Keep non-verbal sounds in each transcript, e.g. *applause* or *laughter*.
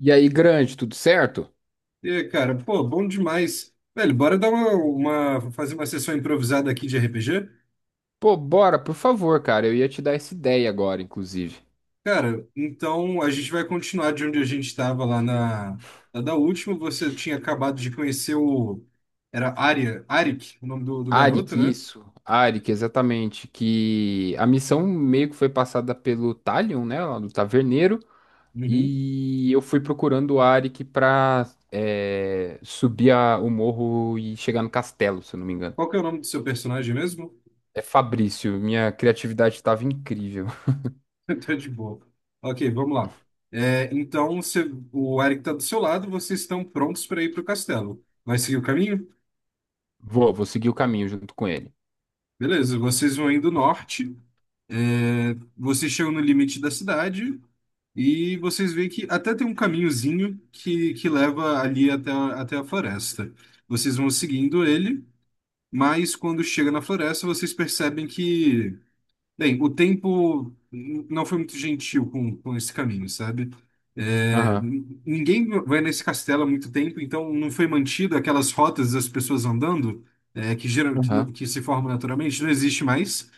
E aí, grande, tudo certo? E, cara, pô, bom demais. Velho, bora dar fazer uma sessão improvisada aqui de RPG? Pô, bora, por favor, cara. Eu ia te dar essa ideia agora, inclusive. Cara, então a gente vai continuar de onde a gente estava lá na da última. Você tinha acabado de conhecer o. Era Arya, Arik, o nome do garoto, Arik, né? isso. Arik, exatamente. Que a missão meio que foi passada pelo Talion, né? Lá do Taverneiro. Uhum. E eu fui procurando o Arik pra subir o morro e chegar no castelo, se eu não me engano. Qual que é o nome do seu personagem mesmo? É Fabrício, minha criatividade estava incrível. *laughs* *laughs* Tá de boa. Ok, vamos lá. É, então, você- o Arik tá do seu lado, vocês estão prontos para ir pro castelo. Vai seguir o caminho? Vou seguir o caminho junto com ele. Beleza, vocês vão indo norte, é, vocês chegam no limite da cidade e vocês veem que até tem um caminhozinho que leva ali até, a- até a floresta. Vocês vão seguindo ele, mas quando chega na floresta, vocês percebem que bem, o tempo não foi muito gentil com esse caminho, sabe? É, Aham, n- ninguém vai nesse castelo há muito tempo, então não foi mantido aquelas rotas das pessoas andando, é, que, geram, que, aham. no- que se formam naturalmente, não existe mais.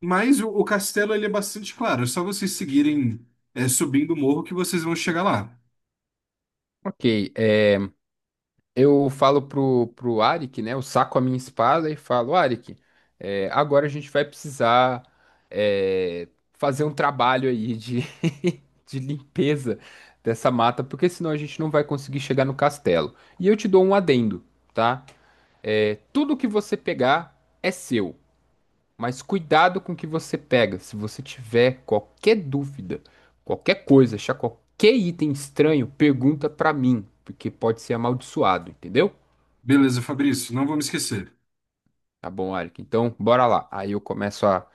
Mas o castelo ele é bastante claro, é só vocês seguirem, é, subindo o morro que vocês vão chegar lá. Ok, eu falo pro Arik, né? Eu saco a minha espada e falo: Arik, agora a gente vai precisar, é, fazer um trabalho aí de, *laughs* de limpeza dessa mata, porque senão a gente não vai conseguir chegar no castelo. E eu te dou um adendo, tá? É, tudo que você pegar é seu, mas cuidado com o que você pega. Se você tiver qualquer dúvida, qualquer coisa, achar qualquer item estranho, pergunta pra mim, porque pode ser amaldiçoado, entendeu? Beleza, Fabrício, não vou me esquecer. Tá bom, Eric. Então, bora lá. Aí eu começo a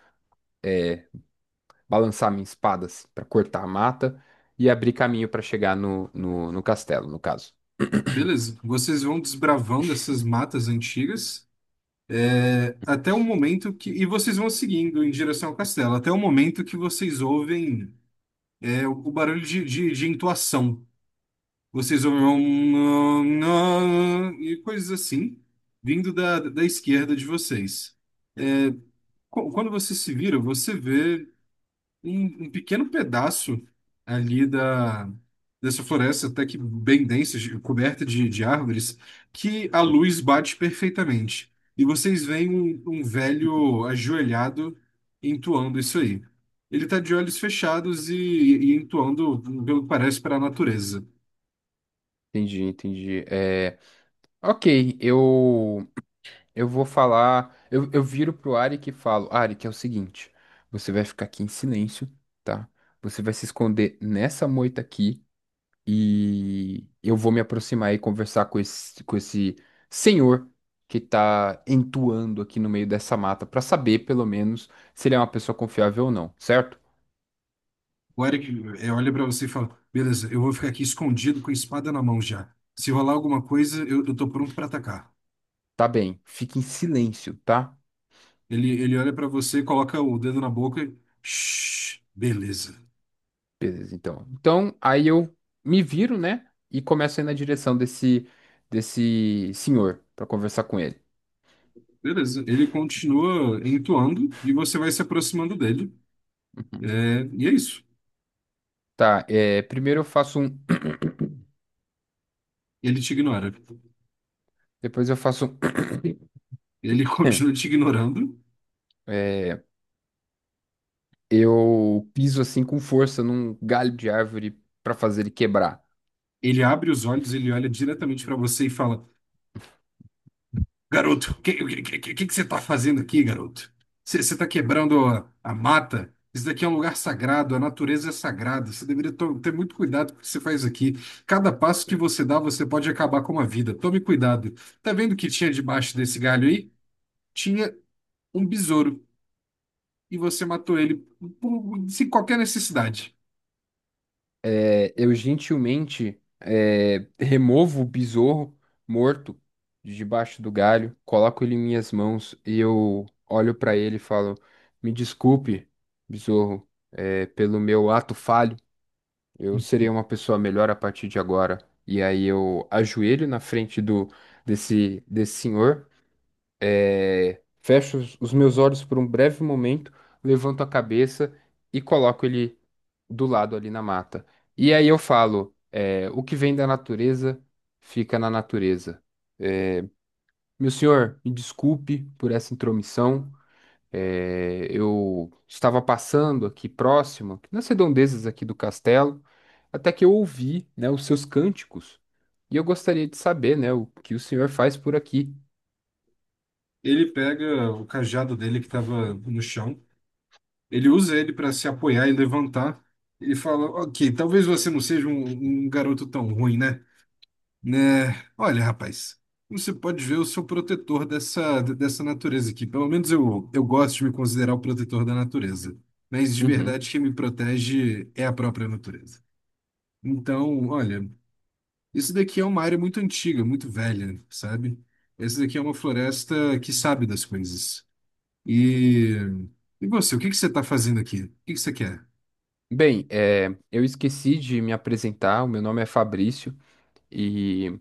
balançar minha espada assim, para cortar a mata e abrir caminho para chegar no castelo, no caso. Beleza, vocês vão desbravando essas matas antigas. Até o momento que. E vocês vão seguindo em direção ao castelo, até o momento que vocês ouvem é, o barulho de entoação. Vocês ouvem um, e coisas assim, vindo da esquerda de vocês. Quando você se vira, você vê. Um pequeno pedaço ali dessa floresta, até que bem densa, de- coberta de árvores, que a luz bate perfeitamente. E vocês veem um, um velho ajoelhado entoando isso aí. Ele está de olhos fechados e entoando, pelo que parece, para a natureza. Entendi, entendi. É, ok, eu vou falar. Eu viro pro Arik e falo: Arik, é o seguinte, você vai ficar aqui em silêncio, tá? Você vai se esconder nessa moita aqui. E eu vou me aproximar e conversar com esse senhor que está entoando aqui no meio dessa mata para saber, pelo menos, se ele é uma pessoa confiável ou não, certo? O Eric olha para você e fala: Beleza, eu vou ficar aqui escondido com a espada na mão já. Se rolar alguma coisa, eu tô pronto para atacar. Tá bem, fique em silêncio, tá? Ele olha pra você, coloca o dedo na boca. E, shh, beleza. Beleza, então. Então, aí eu me viro, né? E começo a ir na direção desse, desse senhor para conversar com ele. Beleza. Ele continua entoando e você vai se aproximando dele. É, e é isso. Tá, é, primeiro eu faço um. *coughs* Ele te ignora. *clears throat* Depois eu faço um. *coughs* Ele *laughs* continua *clears throat* te ignorando. É, eu piso assim com força num galho de árvore para fazer ele quebrar. Ele abre os olhos, ele olha diretamente pra você e fala: Garoto, o que você está fazendo aqui, garoto? Você está quebrando a mata? Isso daqui é um lugar sagrado, a natureza é sagrada. Você deveria ter muito cuidado com o que você faz aqui. Cada passo que você dá, você pode acabar com uma vida. Tome cuidado. Tá vendo o que tinha debaixo desse galho aí? Tinha um besouro e você matou ele sem qualquer necessidade. É, eu gentilmente, removo o besouro morto de debaixo do galho, coloco ele em minhas mãos e eu olho para ele e falo: Me desculpe, besouro, pelo meu ato falho. Eu serei uma *laughs* pessoa melhor a partir de agora. E aí eu ajoelho na frente do desse senhor. Fecho os meus olhos por um breve momento, levanto a cabeça e coloco ele do lado ali na mata. E aí eu falo: é, o que vem da natureza fica na natureza. Meu senhor, me desculpe por essa intromissão. É, eu estava passando aqui próximo, nas redondezas aqui do castelo, até que eu ouvi, né, os seus cânticos. E eu gostaria de saber, né, o que o senhor faz por aqui. Ele pega o cajado dele que estava no chão. Ele usa ele para se apoiar e levantar. Ele fala: Ok, talvez você não seja um garoto tão ruim, né? Né? Olha, rapaz, você pode ver, eu sou protetor dessa natureza aqui. Pelo menos eu gosto de me considerar o protetor da natureza. Mas de Uhum. verdade, quem me protege é a própria natureza. Então, olha, isso daqui é uma área muito antiga, muito velha, sabe? Essa daqui é uma floresta que sabe das coisas. E, e você, o que que você está fazendo aqui? O que que você quer? Bem, eu esqueci de me apresentar. O meu nome é Fabrício e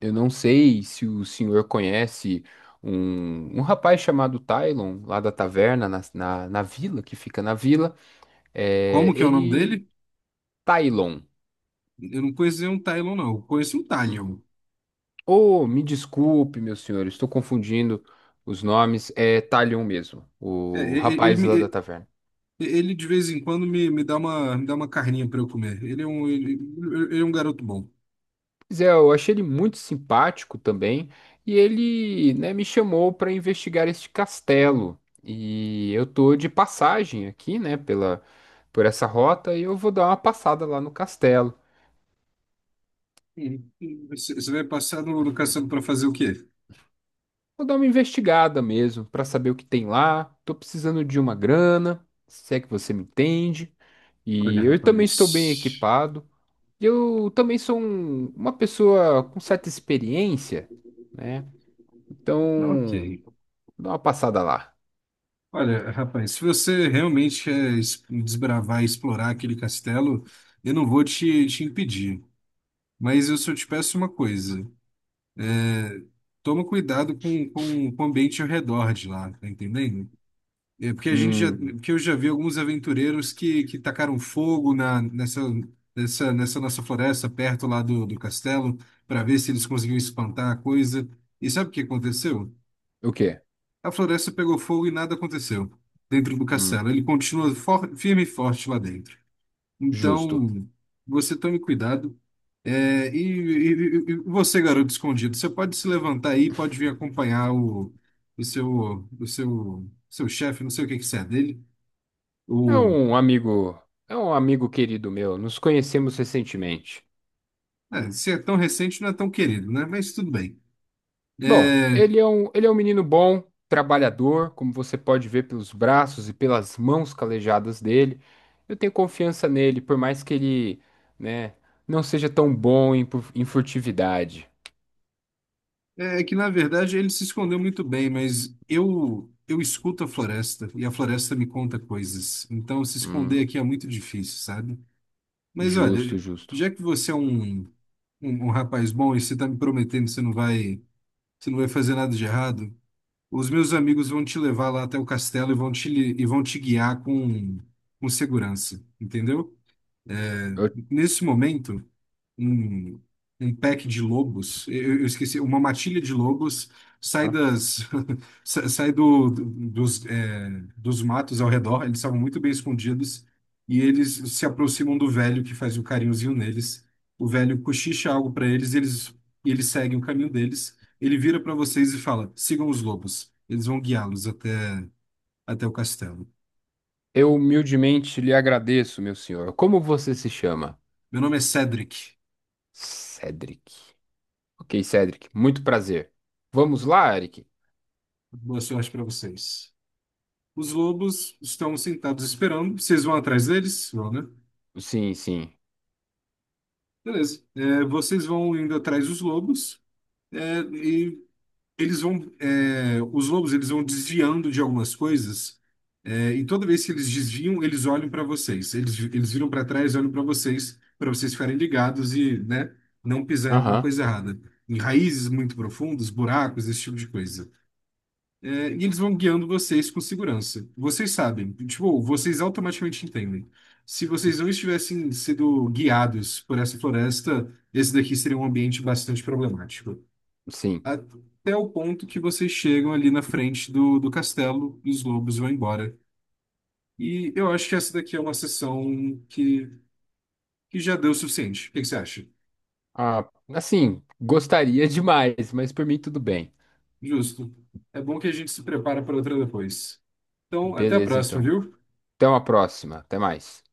eu não sei se o senhor conhece um rapaz chamado Tylon, lá da taverna, na vila, que fica na vila. Eh, Como que é o nome ele. dele? Tylon. Eu não conhecia um Tylon, não. Eu conheço um Talion. Hum. Oh, me desculpe, meu senhor, estou confundindo os nomes. É Tylon mesmo, É, o rapaz lá da taverna. ele, de vez em quando me dá me dá uma carninha para eu comer. Ele é um garoto bom. Pois é, eu achei ele muito simpático também, e ele, né, me chamou para investigar este castelo. E eu tô de passagem aqui, né, pela, por essa rota e eu vou dar uma passada lá no castelo. Hum. Você vai passar no caçando para fazer o quê? Vou dar uma investigada mesmo para saber o que tem lá. Tô precisando de uma grana, se é que você me entende. E Olha, eu também estou bem rapaz. equipado. E eu também sou uma pessoa com certa experiência, né? Então, Ok. dá uma passada lá. Olha, rapaz, se você realmente quer desbravar e explorar aquele castelo, eu não vou te impedir. Mas eu só te peço uma coisa. Toma cuidado com o ambiente ao redor de lá, tá entendendo? É porque a gente já, Hum. porque eu já vi alguns aventureiros que tacaram fogo nessa nossa floresta perto lá do castelo para ver se eles conseguiam espantar a coisa. E sabe o que aconteceu? O quê? A floresta pegou fogo e nada aconteceu dentro do Hum, castelo. Ele continua firme e forte lá dentro. justo. Então, você tome cuidado. É, e você, garoto escondido, você pode se levantar aí, pode vir acompanhar o, seu chefe, não sei o que que você é dele. É um amigo, é um amigo querido meu. Nos conhecemos recentemente. É, se é tão recente, não é tão querido, né? Mas tudo bem. Bom, É, ele é um menino bom, trabalhador, como você pode ver pelos braços e pelas mãos calejadas dele. Eu tenho confiança nele, por mais que ele, né, não seja tão bom em, em furtividade. é é que, na verdade, ele se escondeu muito bem, mas eu escuto a floresta e a floresta me conta coisas. Então, se esconder Hum, aqui é muito difícil, sabe? Mas justo, olha, justo. já que você é um rapaz bom e você está me prometendo que você não vai fazer nada de errado, os meus amigos vão te levar lá até o castelo e vão te guiar com segurança, entendeu? Eu, Nesse momento. um, Um pack de lobos, eu esqueci, uma matilha de lobos sai das *laughs* sai dos, é, dos matos ao redor, eles estavam muito bem escondidos e eles se aproximam do velho que faz o carinhozinho neles. O velho cochicha algo para eles, e eles seguem o caminho deles. Ele vira para vocês e fala: "Sigam os lobos. Eles vão guiá-los até o castelo." eu humildemente lhe agradeço, meu senhor. Como você se chama? Meu nome é Cedric. Cedric. Ok, Cedric, muito prazer. Vamos lá, Eric? Boa sorte para vocês. Os lobos estão sentados esperando. Vocês vão atrás deles? Vão, né? Sim, sim. Beleza. É, vocês vão indo atrás dos lobos é, e eles vão. É, os lobos eles vão desviando de algumas coisas é, e toda vez que eles desviam, eles olham para vocês. Eles viram para trás, olham para vocês ficarem ligados e, né, não pisar em alguma Aham, coisa errada. Em raízes muito profundas, buracos, esse tipo de coisa. É, e eles vão guiando vocês com segurança. Vocês sabem, tipo, vocês automaticamente entendem. Se vocês não estivessem sendo guiados por essa floresta, esse daqui seria um ambiente bastante problemático. sim. Até o ponto que vocês chegam ali na frente do castelo e os lobos vão embora. E eu acho que essa daqui é uma sessão que já deu o suficiente. O que que você acha? Ah, assim, gostaria *laughs* demais, mas por mim tudo bem. Justo. É bom que a gente se prepara para outra depois. Então, até a Beleza, próxima, então. viu? Até uma próxima. Até mais.